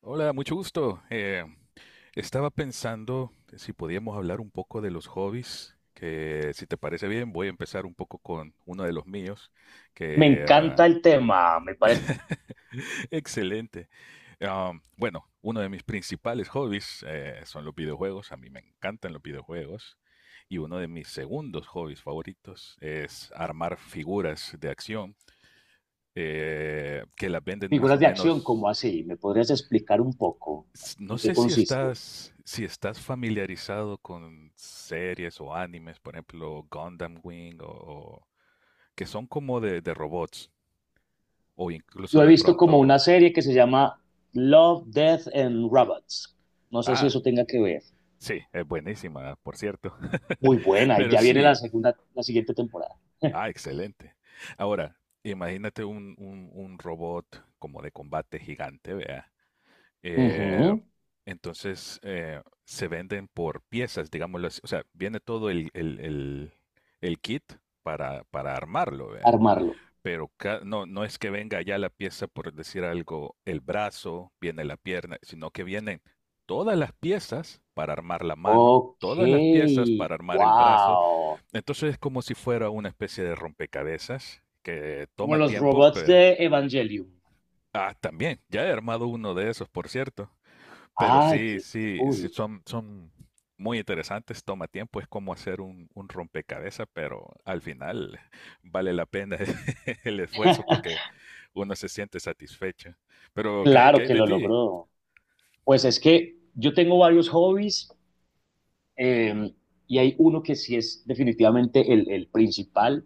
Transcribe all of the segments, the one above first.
Hola, mucho gusto. Estaba pensando si podíamos hablar un poco de los hobbies, que si te parece bien, voy a empezar un poco con uno de los míos, Me que encanta el tema, me parece. excelente. Bueno, uno de mis principales hobbies son los videojuegos, a mí me encantan los videojuegos, y uno de mis segundos hobbies favoritos es armar figuras de acción que las venden más o ¿Figuras de acción, menos. como así? ¿Me podrías explicar un poco No en qué sé si consiste? estás, si estás familiarizado con series o animes, por ejemplo, Gundam Wing, que son como de robots, o incluso Yo he de visto pronto. como una serie que se llama Love, Death and Robots. No sé si Ah, eso tenga que ver. sí, es buenísima, por cierto. Muy buena, y Pero ya viene la sí, segunda, la siguiente temporada. ah, excelente. Ahora, imagínate un robot como de combate gigante, vea. Eh, Ujú. entonces se venden por piezas, digámoslo así. O sea, viene todo el kit para armarlo, ¿verdad? Armarlo. Pero no, no es que venga ya la pieza, por decir algo, el brazo, viene la pierna, sino que vienen todas las piezas para armar la mano, Ok, todas las piezas para armar el brazo. wow. Entonces es como si fuera una especie de rompecabezas que Como toma los tiempo, robots pero... de Evangelium. Ah, también, ya he armado uno de esos, por cierto. Pero Ay, sí, qué, qué sí, sí, cool. Son muy interesantes, toma tiempo, es como hacer un rompecabezas, pero al final vale la pena el esfuerzo porque uno se siente satisfecho. Pero, ¿qué, qué Claro hay que de lo ti? logró. Pues es que yo tengo varios hobbies. Eh, y hay uno que sí es definitivamente el principal,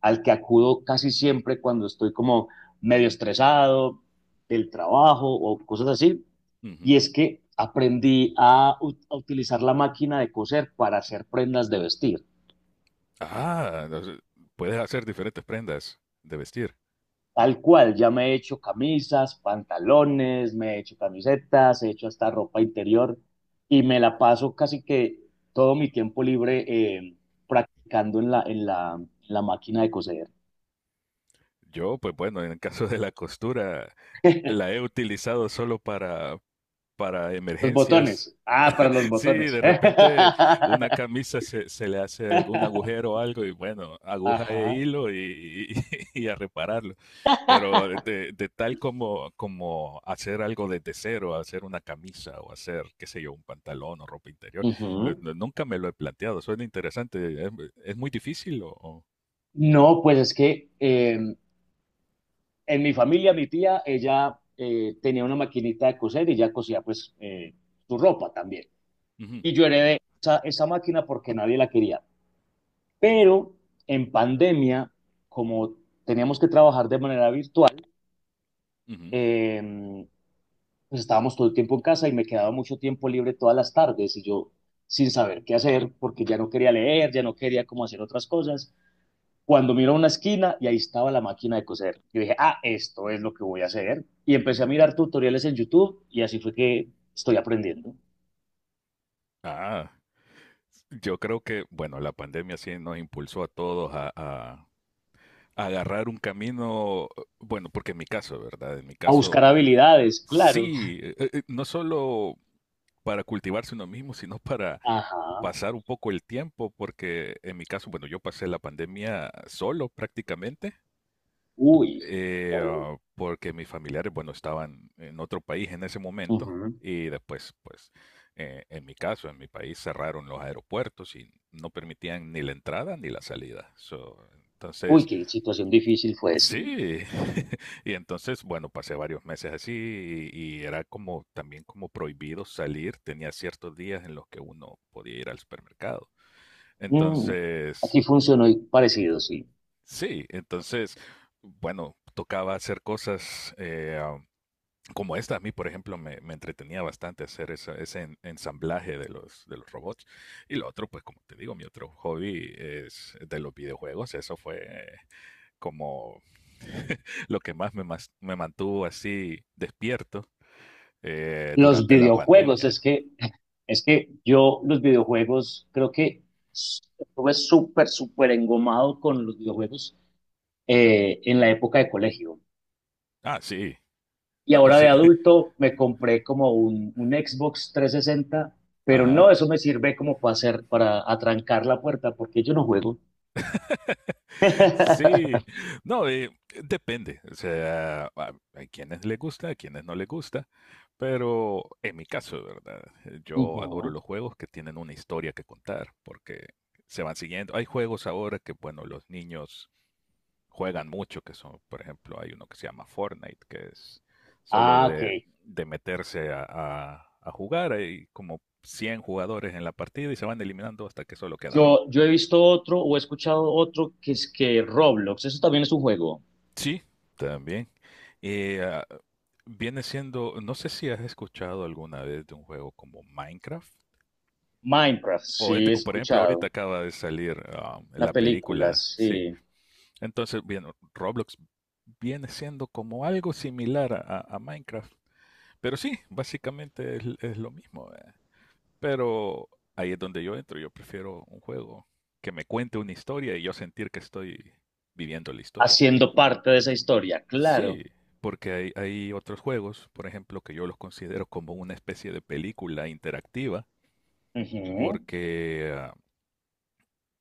al que acudo casi siempre cuando estoy como medio estresado del trabajo o cosas así. Ujú. Y es que aprendí a, a utilizar la máquina de coser para hacer prendas de vestir. Ah, no sé, puedes hacer diferentes prendas de vestir. Tal cual, ya me he hecho camisas, pantalones, me he hecho camisetas, he hecho hasta ropa interior y me la paso casi que todo mi tiempo libre practicando en la máquina de coser. Yo, pues bueno, en el caso de la costura, la he utilizado solo para Los emergencias. botones. Ah, para los Sí, botones. de repente una camisa se le hace algún agujero o algo y bueno, aguja e Ajá. hilo y, y a repararlo. Pero de tal como, como hacer algo desde cero, hacer una camisa o hacer, qué sé yo, un pantalón o ropa interior, Ujú. Nunca me lo he planteado. Suena interesante. Es muy difícil o...? O- No, pues es que en mi familia, mi tía, ella tenía una maquinita de coser y ella cosía pues su ropa también. Ujú, Y yo heredé esa máquina porque nadie la quería. Pero en pandemia, como teníamos que trabajar de manera virtual, ujú. eh, pues estábamos todo el tiempo en casa y me quedaba mucho tiempo libre todas las tardes y yo sin saber qué hacer porque ya no quería leer, ya no quería cómo hacer otras cosas. Cuando miro a una esquina y ahí estaba la máquina de coser, yo dije, ah, esto es lo que voy a hacer. Y empecé a mirar tutoriales en YouTube y así fue que estoy aprendiendo. Ah, yo creo que, bueno, la pandemia sí nos impulsó a todos a, agarrar un camino, bueno, porque en mi caso, ¿verdad? En mi A buscar caso, habilidades, claro. sí, no solo para cultivarse uno mismo, sino para Ajá. pasar un poco el tiempo, porque en mi caso, bueno, yo pasé la pandemia solo prácticamente, Uy. Porque mis familiares, bueno, estaban en otro país en ese momento Ujú. y después, pues, en mi caso, en mi país cerraron los aeropuertos y no permitían ni la entrada ni la salida. So, Uy, entonces, qué situación difícil fue, sí. sí, y entonces, bueno, pasé varios meses así y era como también como prohibido salir, tenía ciertos días en los que uno podía ir al supermercado. Mm, Entonces, aquí funcionó y parecido, sí. sí, entonces, bueno, tocaba hacer cosas como esta. A mí, por ejemplo, me entretenía bastante hacer ensamblaje de los robots. Y lo otro, pues como te digo, mi otro hobby es de los videojuegos. Eso fue como lo que más me, me mantuvo así despierto Los durante la videojuegos, pandemia. Es que yo los videojuegos creo que estuve súper, súper engomado con los videojuegos en la época de colegio. Ah, sí. Y No, ahora de sí. adulto me compré como un Xbox 360, pero Ajá. no, eso me sirve como para hacer, para atrancar la puerta, porque yo no juego. Sí. No, depende. O sea, hay quienes les gusta, a quienes no les gusta. Pero en mi caso, ¿verdad? Yo adoro Ujú. los juegos que tienen una historia que contar, porque se van siguiendo. Hay juegos ahora que, bueno, los niños juegan mucho, que son, por ejemplo, hay uno que se llama Fortnite, que es solo Ah, ok. De meterse a, a jugar, hay como 100 jugadores en la partida y se van eliminando hasta que solo queda uno. Yo he visto otro o he escuchado otro que es que Roblox, eso también es un juego. Sí, también. Y, ah, viene siendo, no sé si has escuchado alguna vez de un juego como Minecraft. Minecraft, O es sí he de que, por ejemplo, ahorita escuchado. acaba de salir ah, Una la película, película, sí. sí. Entonces, bien, Roblox viene siendo como algo similar a Minecraft. Pero sí, básicamente es lo mismo, ¿verdad? Pero ahí es donde yo entro. Yo prefiero un juego que me cuente una historia y yo sentir que estoy viviendo la historia. Haciendo parte de esa historia, claro. Sí, porque hay otros juegos, por ejemplo, que yo los considero como una especie de película interactiva, Ujú. porque ah,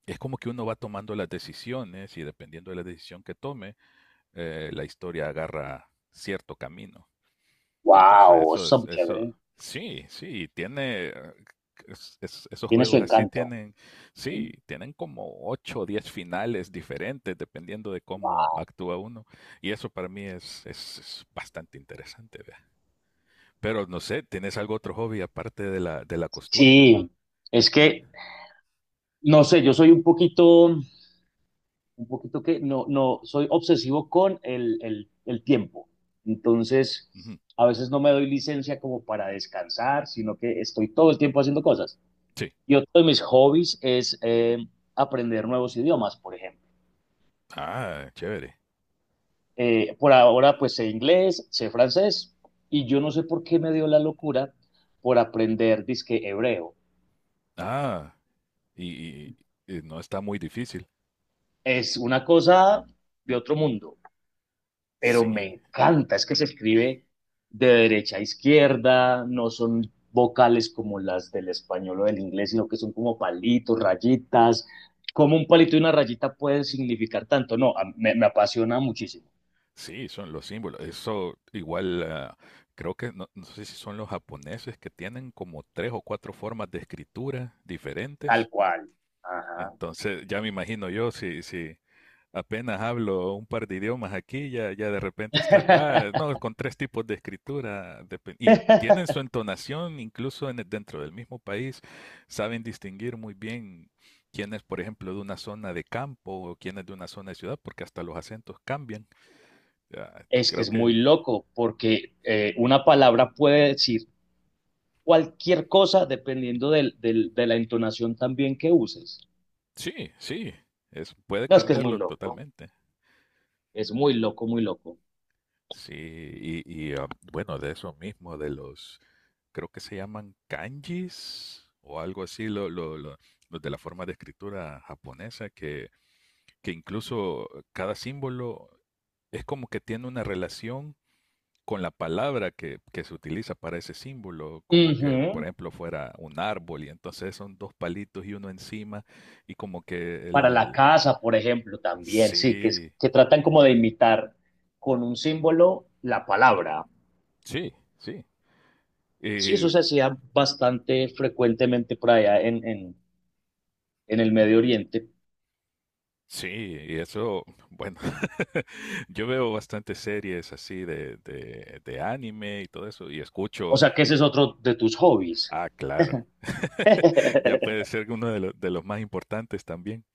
es como que uno va tomando las decisiones y dependiendo de la decisión que tome, la historia agarra cierto camino. Entonces, Wow, eso eso está es, muy eso, chévere. sí, sí, tiene, esos Tiene su juegos así encanto. tienen, sí, tienen como 8 o 10 finales diferentes dependiendo de cómo Guau. actúa uno. Y eso para mí es bastante interesante, vea. Pero no sé, ¿tienes algo otro hobby aparte de la costura? Sí, es que, no sé, yo soy un poquito que, no, no, soy obsesivo con el tiempo. Entonces, Ujú, a veces no me doy licencia como para descansar, sino que estoy todo el tiempo haciendo cosas. sí. Y otro de mis hobbies es aprender nuevos idiomas, por ejemplo. Ah, chévere. Por ahora, pues sé inglés, sé francés, y yo no sé por qué me dio la locura por aprender disque hebreo. Ah, y, y no está muy difícil. Es una cosa de otro mundo, pero me Sí, encanta, es que se escribe de derecha a izquierda, no son vocales como las del español o del inglés, sino que son como palitos, rayitas. Como un palito y una rayita pueden significar tanto? No, me apasiona muchísimo, sí, son los símbolos. Eso igual, ah, creo que no, no sé si son los japoneses que tienen como tres o cuatro formas de escritura tal diferentes. cual. Ajá. Entonces, ya me imagino yo, si, si apenas hablo un par de idiomas aquí, ya, ya de repente estar, ah, no, con tres tipos de escritura. Depe- Y tienen su entonación, incluso en, dentro del mismo país, saben distinguir muy bien quién es, por ejemplo, de una zona de campo o quién es de una zona de ciudad, porque hasta los acentos cambian. Ya, Es que creo es muy que loco porque una palabra puede decir cualquier cosa dependiendo de la entonación también que uses. sí, sí, es, puede No, es que cambiarlo totalmente. es muy loco, muy loco. Sí, y, ah, bueno, de eso mismo, de los, creo que se llaman kanjis o algo así, los de la forma de escritura japonesa, que incluso cada símbolo es como que tiene una relación con la palabra que se utiliza para ese símbolo, como Ujú. que, por ejemplo, fuera un árbol y entonces son dos palitos y uno encima y como que Para la el- casa, por ejemplo, también, sí, que, Sí, que tratan como de imitar con un símbolo la palabra. sí, sí. Sí, Eh, eso se hacía bastante frecuentemente por allá en el Medio Oriente. sí, y eso, bueno, yo veo bastantes series así de, de anime y todo eso, y O escucho, sea que ese es otro de tus hobbies. ah, claro, ya puede ser uno de, de los más importantes también,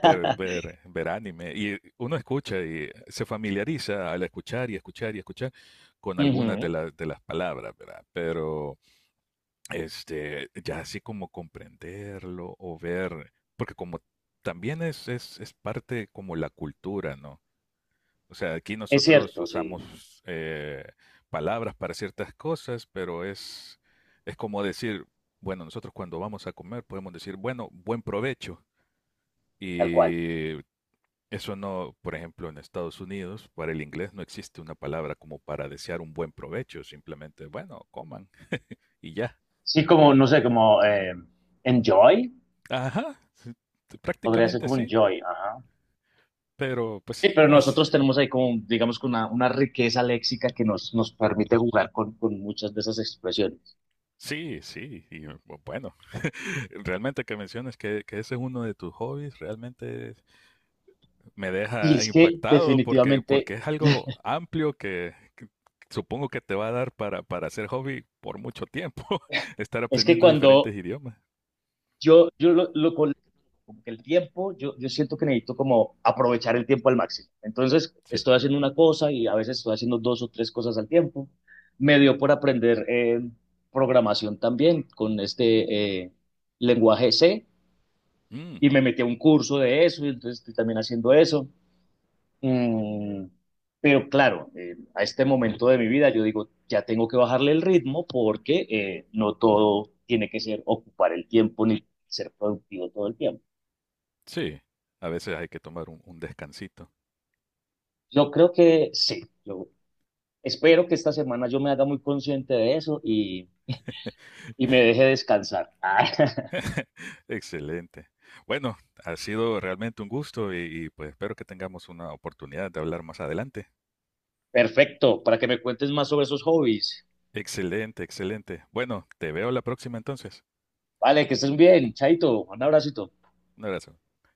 ver, ver anime. Y uno escucha y se familiariza al escuchar y escuchar y escuchar con algunas Ujú. De las palabras, ¿verdad? Pero, este, ya así como comprenderlo o ver, porque como también es parte como la cultura, ¿no? O sea, aquí Es nosotros cierto, sí, usamos palabras para ciertas cosas, pero es como decir, bueno, nosotros cuando vamos a comer podemos decir, bueno, buen provecho. tal cual. Y eso no, por ejemplo, en Estados Unidos, para el inglés no existe una palabra como para desear un buen provecho, simplemente, bueno, coman y ya. Sí, como, no sé, como enjoy, Ajá, sí, podría ser prácticamente como sí, enjoy, ajá. pero pues sí, Sí, pero así, nosotros tenemos ahí como, digamos, que una riqueza léxica que nos permite jugar con muchas de esas expresiones. sí, sí, y bueno, realmente que menciones que ese es uno de tus hobbies, realmente me Y deja es que impactado porque, porque definitivamente, es algo amplio que supongo que te va a dar para hacer hobby por mucho tiempo, estar es que aprendiendo diferentes cuando idiomas. yo lo con como que el tiempo, yo siento que necesito como aprovechar el tiempo al máximo. Entonces, Sí. estoy haciendo una cosa y a veces estoy haciendo dos o tres cosas al tiempo. Me dio por aprender programación también con este lenguaje C, Mm, y me metí a un curso de eso y entonces estoy también haciendo eso. Mm, pero claro, a este momento de mi vida yo digo, ya tengo que bajarle el ritmo porque no todo tiene que ser ocupar el tiempo ni ser productivo todo el tiempo. sí, a veces hay que tomar un descansito. Yo creo que sí, yo espero que esta semana yo me haga muy consciente de eso y me deje descansar. Ah, Excelente. Bueno, ha sido realmente un gusto y, pues espero que tengamos una oportunidad de hablar más adelante. perfecto, para que me cuentes más sobre esos hobbies. Excelente, excelente. Bueno, te veo la próxima entonces. Vale, que estés bien, Chaito, un abracito. Un abrazo.